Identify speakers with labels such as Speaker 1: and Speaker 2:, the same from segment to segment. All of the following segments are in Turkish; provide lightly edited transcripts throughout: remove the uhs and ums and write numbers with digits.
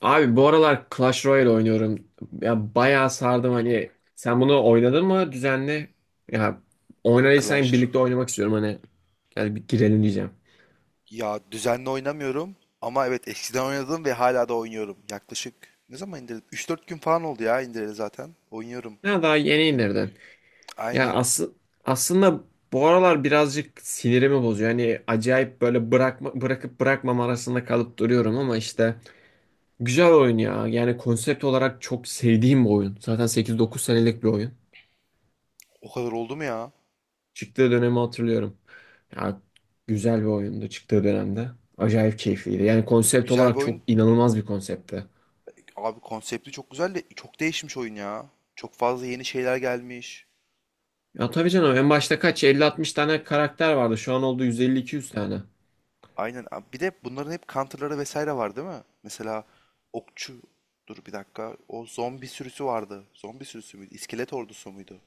Speaker 1: Abi bu aralar Clash Royale oynuyorum. Ya bayağı sardım hani. Sen bunu oynadın mı düzenli? Ya oynadıysan
Speaker 2: Clash Royale.
Speaker 1: birlikte oynamak istiyorum hani. Gel bir girelim diyeceğim.
Speaker 2: Ya, düzenli oynamıyorum ama evet eskiden oynadım ve hala da oynuyorum. Yaklaşık ne zaman indirdim? 3-4 gün falan oldu ya indireli zaten. Oynuyorum
Speaker 1: Ya daha yeni indirden.
Speaker 2: günlük.
Speaker 1: Ya
Speaker 2: Aynen.
Speaker 1: aslında bu aralar birazcık sinirimi bozuyor. Hani acayip böyle bırakma, bırakıp bırakmam arasında kalıp duruyorum ama işte güzel oyun ya. Yani konsept olarak çok sevdiğim bir oyun. Zaten 8-9 senelik bir oyun.
Speaker 2: O kadar oldu mu ya?
Speaker 1: Çıktığı dönemi hatırlıyorum. Ya, güzel bir oyundu çıktığı dönemde. Acayip keyifliydi. Yani konsept
Speaker 2: Güzel bir
Speaker 1: olarak çok
Speaker 2: oyun.
Speaker 1: inanılmaz bir konseptti.
Speaker 2: Abi konsepti çok güzel de çok değişmiş oyun ya. Çok fazla yeni şeyler gelmiş.
Speaker 1: Ya tabii canım en başta kaç elli altmış tane karakter vardı. Şu an oldu yüz elli iki yüz tane.
Speaker 2: Aynen. Abi bir de bunların hep counter'ları vesaire var değil mi? Mesela okçu. Dur bir dakika. O zombi sürüsü vardı. Zombi sürüsü müydü? İskelet ordusu muydu?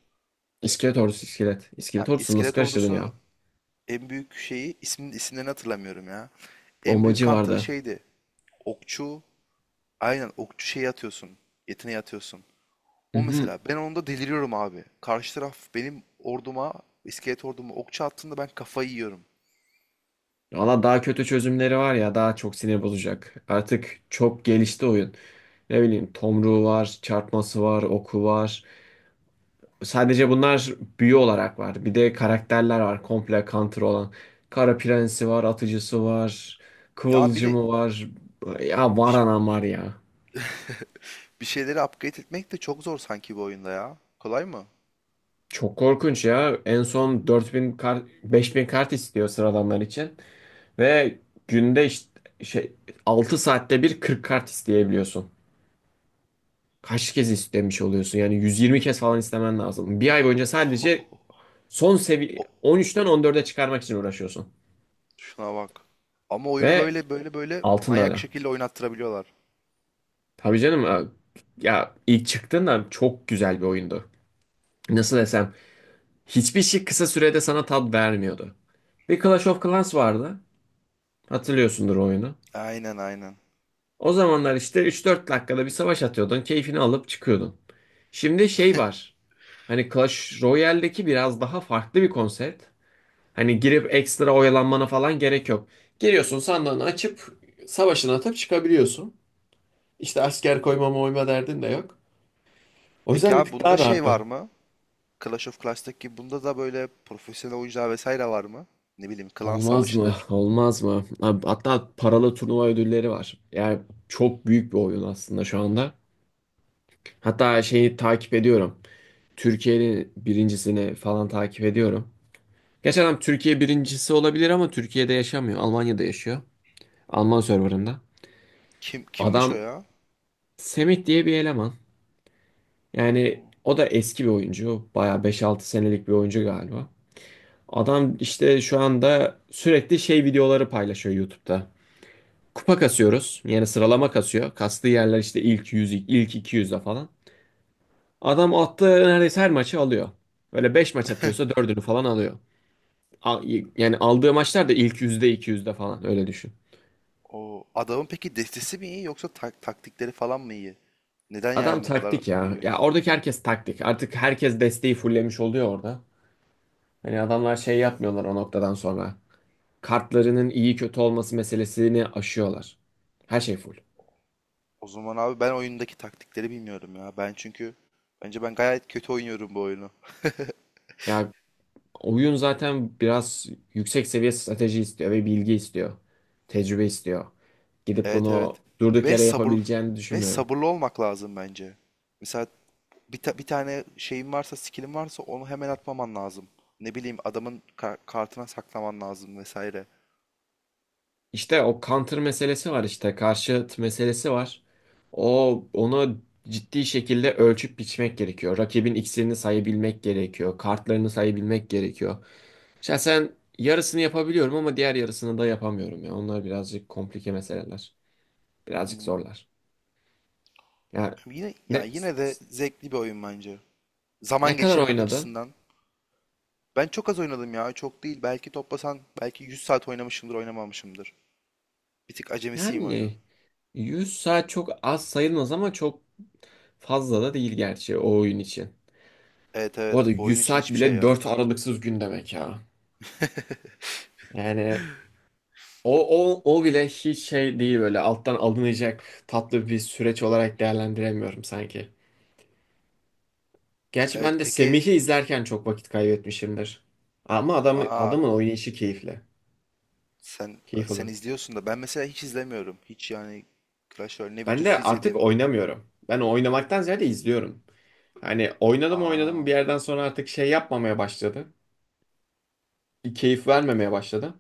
Speaker 1: İskelet ordusu iskelet.
Speaker 2: Ha,
Speaker 1: İskelet ordusunu nasıl
Speaker 2: iskelet
Speaker 1: karıştırdın ya?
Speaker 2: ordusunun en büyük şeyi isimlerini hatırlamıyorum ya. En büyük
Speaker 1: Bombacı
Speaker 2: counter'ı
Speaker 1: vardı.
Speaker 2: şeydi. Okçu. Aynen okçu şeyi atıyorsun. Yeteneği atıyorsun.
Speaker 1: Hı
Speaker 2: O
Speaker 1: hı.
Speaker 2: mesela ben onda deliriyorum abi. Karşı taraf benim orduma, iskelet orduma okçu attığında ben kafayı yiyorum.
Speaker 1: Valla daha kötü çözümleri var ya daha çok sinir bozacak. Artık çok gelişti oyun. Ne bileyim tomruğu var, çarpması var, oku var. Sadece bunlar büyü olarak var. Bir de karakterler var komple counter olan. Kara Prensi var, Atıcısı var,
Speaker 2: Ya bir de
Speaker 1: Kıvılcımı var. Ya var
Speaker 2: bir,
Speaker 1: anam var ya.
Speaker 2: bir şeyleri upgrade etmek de çok zor sanki bu oyunda ya. Kolay mı?
Speaker 1: Çok korkunç ya. En son 4.000 kart, 5.000 kart istiyor sıradanlar için. Ve günde işte şey 6 saatte bir 40 kart isteyebiliyorsun. Kaç kez istemiş oluyorsun? Yani 120 kez falan istemen lazım. Bir ay boyunca sadece son seviye
Speaker 2: O-
Speaker 1: 13'ten 14'e çıkarmak için uğraşıyorsun.
Speaker 2: Şuna bak. Ama oyunu
Speaker 1: Ve
Speaker 2: böyle
Speaker 1: altın da öyle.
Speaker 2: manyak şekilde oynattırabiliyorlar.
Speaker 1: Tabii canım ya ilk çıktığında çok güzel bir oyundu. Nasıl desem hiçbir şey kısa sürede sana tat vermiyordu. Bir Clash of Clans vardı. Hatırlıyorsundur o oyunu.
Speaker 2: Aynen, aynen.
Speaker 1: O zamanlar işte 3-4 dakikada bir savaş atıyordun. Keyfini alıp çıkıyordun. Şimdi şey var. Hani Clash Royale'deki biraz daha farklı bir konsept. Hani girip ekstra oyalanmana falan gerek yok. Giriyorsun sandığını açıp savaşını atıp çıkabiliyorsun. İşte asker koyma moyma derdin de yok. O
Speaker 2: Peki
Speaker 1: yüzden bir
Speaker 2: abi
Speaker 1: tık daha
Speaker 2: bunda şey var
Speaker 1: rahattı.
Speaker 2: mı? Clash of Clans'taki gibi bunda da böyle profesyonel oyuncular vesaire var mı? Ne bileyim klan
Speaker 1: Olmaz mı?
Speaker 2: savaşıdır.
Speaker 1: Olmaz mı? Abi, hatta paralı turnuva ödülleri var. Yani çok büyük bir oyun aslında şu anda. Hatta şeyi takip ediyorum. Türkiye'nin birincisini falan takip ediyorum. Geçen adam Türkiye birincisi olabilir ama Türkiye'de yaşamıyor. Almanya'da yaşıyor. Alman serverında.
Speaker 2: Kim kimmiş o
Speaker 1: Adam
Speaker 2: ya?
Speaker 1: Semih diye bir eleman. Yani
Speaker 2: Hmm.
Speaker 1: o da eski bir oyuncu. Bayağı 5-6 senelik bir oyuncu galiba. Adam işte şu anda sürekli şey videoları paylaşıyor YouTube'da. Kupa kasıyoruz. Yani sıralama kasıyor. Kastığı yerler işte ilk 100 ilk iki yüzde falan. Adam attığı neredeyse her maçı alıyor. Öyle 5 maç atıyorsa dördünü falan alıyor. A- Yani aldığı maçlar da ilk yüzde iki yüzde falan öyle düşün.
Speaker 2: O adamın peki destesi mi iyi yoksa taktikleri falan mı iyi? Neden
Speaker 1: Adam
Speaker 2: yani bu kadar
Speaker 1: taktik
Speaker 2: iyi
Speaker 1: ya. Ya
Speaker 2: oynuyor?
Speaker 1: oradaki herkes taktik. Artık herkes desteği fullemiş oluyor orada. Hani adamlar şey yapmıyorlar o noktadan sonra. Kartlarının iyi kötü olması meselesini aşıyorlar. Her şey full.
Speaker 2: O zaman abi ben oyundaki taktikleri bilmiyorum ya. Ben çünkü bence ben gayet kötü oynuyorum bu oyunu.
Speaker 1: Ya oyun zaten biraz yüksek seviye strateji istiyor ve bilgi istiyor. Tecrübe istiyor. Gidip
Speaker 2: Evet, evet.
Speaker 1: bunu durduk
Speaker 2: Ve
Speaker 1: yere yapabileceğini düşünmüyorum.
Speaker 2: sabırlı olmak lazım bence. Mesela bir tane şeyin varsa, skill'in varsa onu hemen atmaman lazım. Ne bileyim adamın kartına saklaman lazım vesaire.
Speaker 1: İşte o counter meselesi var işte karşıt meselesi var. Onu ciddi şekilde ölçüp biçmek gerekiyor. Rakibin iksirini sayabilmek gerekiyor. Kartlarını sayabilmek gerekiyor. Şahsen yarısını yapabiliyorum ama diğer yarısını da yapamıyorum ya. Onlar birazcık komplike meseleler. Birazcık zorlar. Yani ne,
Speaker 2: Yine de zevkli bir oyun bence. Zaman
Speaker 1: ne kadar
Speaker 2: geçirmek
Speaker 1: oynadın?
Speaker 2: açısından. Ben çok az oynadım ya, çok değil. Belki toplasan belki 100 saat oynamışımdır, oynamamışımdır. Bir tık acemisiyim oyunu.
Speaker 1: Yani 100 saat çok az sayılmaz ama çok fazla da değil gerçi o oyun için.
Speaker 2: Evet,
Speaker 1: Bu arada
Speaker 2: evet, bu oyun
Speaker 1: 100
Speaker 2: için
Speaker 1: saat
Speaker 2: hiçbir şey
Speaker 1: bile
Speaker 2: ya.
Speaker 1: 4 aralıksız gün demek ya. Yani o, o bile hiç şey değil böyle alttan alınacak tatlı bir süreç olarak değerlendiremiyorum sanki. Gerçi
Speaker 2: Evet,
Speaker 1: ben de
Speaker 2: peki.
Speaker 1: Semih'i izlerken çok vakit kaybetmişimdir. Ama
Speaker 2: Aa.
Speaker 1: adamın oynayışı keyifli.
Speaker 2: Sen
Speaker 1: Keyif
Speaker 2: sen
Speaker 1: alırım.
Speaker 2: izliyorsun da ben mesela hiç izlemiyorum. Hiç yani Clash Royale ne
Speaker 1: Ben de
Speaker 2: videosu
Speaker 1: artık
Speaker 2: izledim.
Speaker 1: oynamıyorum. Ben oynamaktan ziyade izliyorum. Hani oynadım oynadım bir
Speaker 2: Aa.
Speaker 1: yerden sonra artık şey yapmamaya başladı. Keyif vermemeye başladı.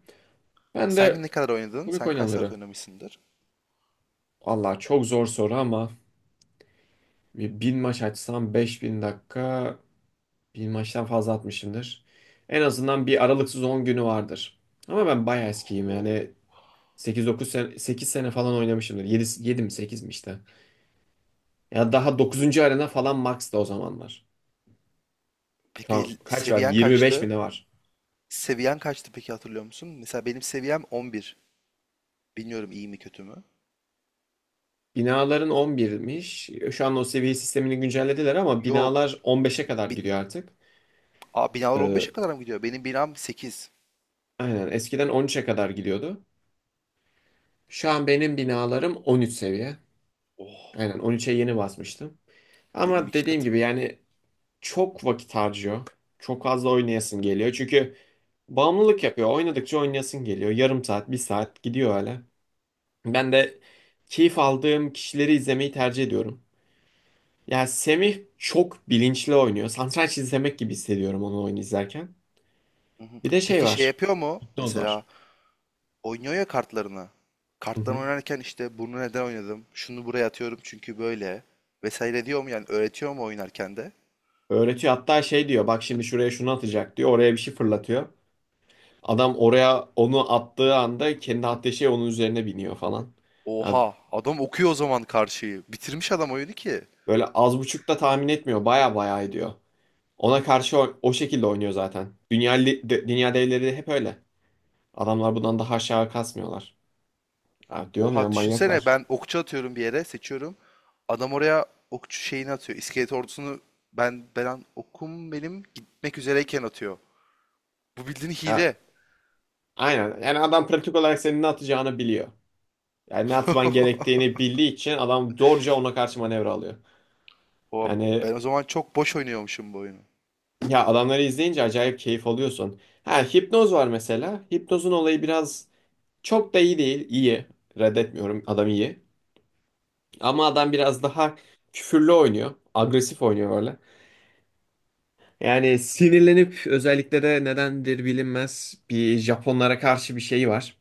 Speaker 1: Ben de
Speaker 2: Sen ne kadar oynadın?
Speaker 1: komik
Speaker 2: Sen kaç saat
Speaker 1: oynanırı.
Speaker 2: oynamışsındır?
Speaker 1: Allah çok zor soru ama bir bin maç açsam 5.000 dakika bin maçtan fazla atmışımdır. En azından bir aralıksız 10 günü vardır. Ama ben bayağı eskiyim
Speaker 2: Oo.
Speaker 1: yani sekiz dokuz sene, 8 sene falan oynamışımdır. 7 mi 8 mi işte. Ya daha dokuzuncu
Speaker 2: Oo.
Speaker 1: arena falan max da o zamanlar. Şu an
Speaker 2: Peki
Speaker 1: kaç var?
Speaker 2: seviyen
Speaker 1: 25 mi
Speaker 2: kaçtı?
Speaker 1: ne var?
Speaker 2: Seviyen kaçtı peki, hatırlıyor musun? Mesela benim seviyem 11. Bilmiyorum iyi mi kötü mü?
Speaker 1: Binaların 11'miş. Şu an o seviye sistemini güncellediler ama
Speaker 2: Yok.
Speaker 1: binalar on
Speaker 2: Bi,
Speaker 1: beşe kadar
Speaker 2: bi,
Speaker 1: gidiyor artık.
Speaker 2: Aa, binalar 15'e
Speaker 1: Ee,
Speaker 2: kadar mı gidiyor? Benim binam 8.
Speaker 1: Aynen eskiden 13'e kadar gidiyordu. Şu an benim binalarım 13 seviye.
Speaker 2: Oh.
Speaker 1: Aynen 13'e yeni basmıştım.
Speaker 2: Benim
Speaker 1: Ama
Speaker 2: iki
Speaker 1: dediğim
Speaker 2: katım.
Speaker 1: gibi yani çok vakit harcıyor. Çok fazla oynayasın geliyor. Çünkü bağımlılık yapıyor. Oynadıkça oynayasın geliyor. Yarım saat, bir saat gidiyor öyle. Ben de keyif aldığım kişileri izlemeyi tercih ediyorum. Yani Semih çok bilinçli oynuyor. Satranç izlemek gibi hissediyorum onu oyun izlerken.
Speaker 2: Hı hı.
Speaker 1: Bir de şey
Speaker 2: Peki şey
Speaker 1: var.
Speaker 2: yapıyor mu?
Speaker 1: Hipnoz
Speaker 2: Mesela
Speaker 1: var.
Speaker 2: oynuyor ya kartlarını. Karttan oynarken işte bunu neden oynadım? Şunu buraya atıyorum çünkü böyle. Vesaire diyor mu yani, öğretiyor mu oynarken de?
Speaker 1: Öğretiyor, hatta şey diyor, bak şimdi şuraya şunu atacak diyor, oraya bir şey fırlatıyor. Adam oraya onu attığı anda kendi attığı şey onun üzerine biniyor falan. Ya
Speaker 2: Oha, adam okuyor o zaman karşıyı. Bitirmiş adam oyunu ki.
Speaker 1: böyle az buçuk da tahmin etmiyor, baya baya ediyor. Ona karşı o şekilde oynuyor zaten. Dünya devleri de hep öyle. Adamlar bundan daha aşağı kasmıyorlar. Ya diyorum ya,
Speaker 2: Oha, düşünsene
Speaker 1: manyaklar.
Speaker 2: ben okçu atıyorum bir yere, seçiyorum. Adam oraya okçu şeyini atıyor. İskelet ordusunu ben okum benim gitmek üzereyken atıyor. Bu bildiğin
Speaker 1: Ya,
Speaker 2: hile.
Speaker 1: aynen yani adam pratik olarak senin ne atacağını biliyor. Yani ne atman gerektiğini bildiği için adam zorca ona karşı manevra alıyor.
Speaker 2: Oha,
Speaker 1: Yani.
Speaker 2: ben o zaman çok boş oynuyormuşum bu oyunu.
Speaker 1: Ya adamları izleyince acayip keyif alıyorsun. Ha hipnoz var mesela. Hipnozun olayı biraz çok da iyi değil. İyi. Reddetmiyorum. Adam iyi. Ama adam biraz daha küfürlü oynuyor. Agresif oynuyor böyle. Yani sinirlenip, özellikle de nedendir bilinmez, bir Japonlara karşı bir şey var.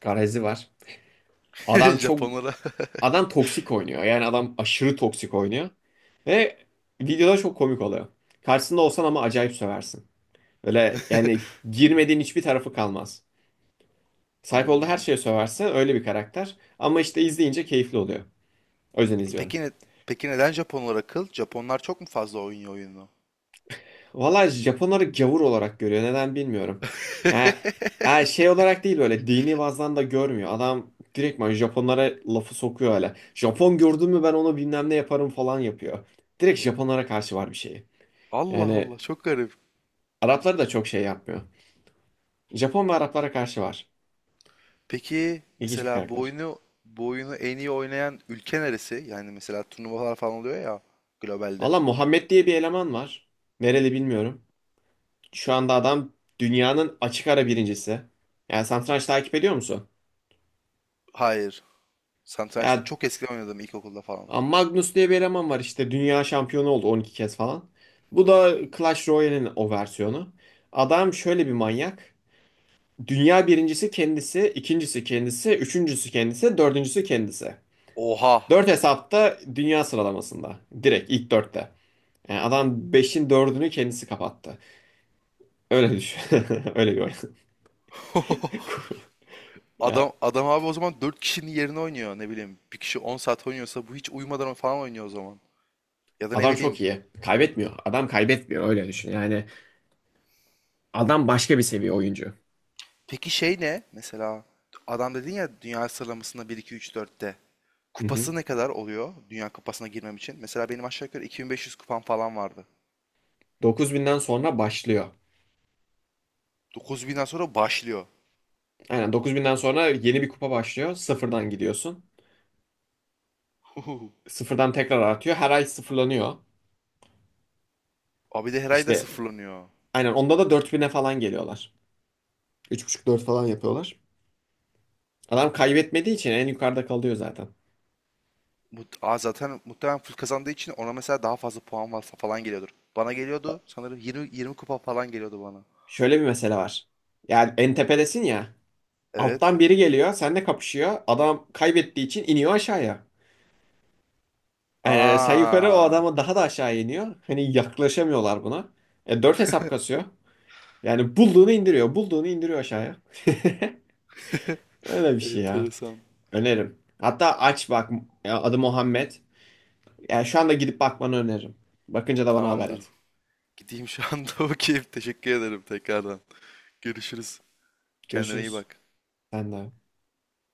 Speaker 1: Garezi var. Adam çok
Speaker 2: Japonlara.
Speaker 1: adam toksik oynuyor. Yani adam aşırı toksik oynuyor. Ve videoda çok komik oluyor. Karşısında olsan ama acayip söversin. Öyle yani girmediğin hiçbir tarafı kalmaz. Sahip olduğu her
Speaker 2: Aa.
Speaker 1: şeye söverse öyle bir karakter. Ama işte izleyince keyifli oluyor. O yüzden izliyorum.
Speaker 2: Peki ne, peki neden Japonlar akıl? Japonlar çok mu fazla oynuyor oyunu?
Speaker 1: Valla Japonları gavur olarak görüyor. Neden bilmiyorum. Yani, yani şey olarak değil, böyle dini bazdan da görmüyor. Adam direktman Japonlara lafı sokuyor öyle. Japon gördün mü ben onu bilmem ne yaparım falan yapıyor. Direkt Japonlara karşı var bir şeyi.
Speaker 2: Allah
Speaker 1: Yani
Speaker 2: Allah, çok garip.
Speaker 1: Arapları da çok şey yapmıyor. Japon ve Araplara karşı var.
Speaker 2: Peki
Speaker 1: İlginç bir
Speaker 2: mesela bu
Speaker 1: karakter.
Speaker 2: oyunu bu oyunu en iyi oynayan ülke neresi? Yani mesela turnuvalar falan oluyor ya globalde.
Speaker 1: Valla Muhammed diye bir eleman var. Nereli bilmiyorum. Şu anda adam dünyanın açık ara birincisi. Yani satranç takip ediyor musun?
Speaker 2: Hayır. Satrançta
Speaker 1: Ya
Speaker 2: çok eskiden oynadım, ilkokulda falan.
Speaker 1: Magnus diye bir eleman var işte, dünya şampiyonu oldu 12 kez falan. Bu da Clash Royale'in o versiyonu. Adam şöyle bir manyak. Dünya birincisi kendisi, ikincisi kendisi, üçüncüsü kendisi, dördüncüsü kendisi.
Speaker 2: Oha.
Speaker 1: Dört hesapta dünya sıralamasında. Direkt ilk dörtte. Yani adam beşin dördünü kendisi kapattı. Öyle düşün. Öyle gör. Ya
Speaker 2: Adam abi, o zaman dört kişinin yerine oynuyor ne bileyim. Bir kişi 10 saat oynuyorsa bu hiç uyumadan falan oynuyor o zaman. Ya da ne
Speaker 1: adam
Speaker 2: bileyim.
Speaker 1: çok iyi. Kaybetmiyor. Adam kaybetmiyor öyle düşün. Yani adam başka bir seviye oyuncu.
Speaker 2: Peki şey ne? Mesela adam dedin ya, dünya sıralamasında bir 2 3 dörtte.
Speaker 1: Hı hı.
Speaker 2: Kupası ne kadar oluyor Dünya Kupası'na girmem için? Mesela benim aşağı yukarı 2500 kupam falan vardı.
Speaker 1: 9.000'den sonra başlıyor.
Speaker 2: 9000'den sonra başlıyor.
Speaker 1: Aynen 9.000'den sonra yeni bir kupa başlıyor. Sıfırdan gidiyorsun. Sıfırdan tekrar artıyor. Her ay sıfırlanıyor.
Speaker 2: Abi de her ay da
Speaker 1: İşte
Speaker 2: sıfırlanıyor.
Speaker 1: aynen onda da 4.000'e falan geliyorlar. 3,5-4 falan yapıyorlar. Adam kaybetmediği için en yukarıda kalıyor zaten.
Speaker 2: Aa, zaten muhtemelen full kazandığı için ona mesela daha fazla puan varsa falan geliyordur. Bana geliyordu
Speaker 1: Bak,
Speaker 2: sanırım 20 kupa falan geliyordu bana.
Speaker 1: şöyle bir mesele var. Yani en tepedesin ya.
Speaker 2: Evet.
Speaker 1: Alttan biri geliyor. Seninle kapışıyor. Adam kaybettiği için iniyor aşağıya. Sen yukarı, o
Speaker 2: Aa,
Speaker 1: adama daha da aşağı iniyor. Hani yaklaşamıyorlar buna. Dört hesap kasıyor. Yani bulduğunu indiriyor. Bulduğunu indiriyor aşağıya. Öyle bir şey ya.
Speaker 2: enteresan.
Speaker 1: Öneririm. Hatta aç bak. Ya, adı Muhammed. Yani şu anda gidip bakmanı öneririm. Bakınca da bana haber
Speaker 2: Tamamdır.
Speaker 1: et.
Speaker 2: Gideyim şu anda bakayım. Teşekkür ederim tekrardan. Görüşürüz. Kendine iyi
Speaker 1: Görüşürüz.
Speaker 2: bak.
Speaker 1: Sen de.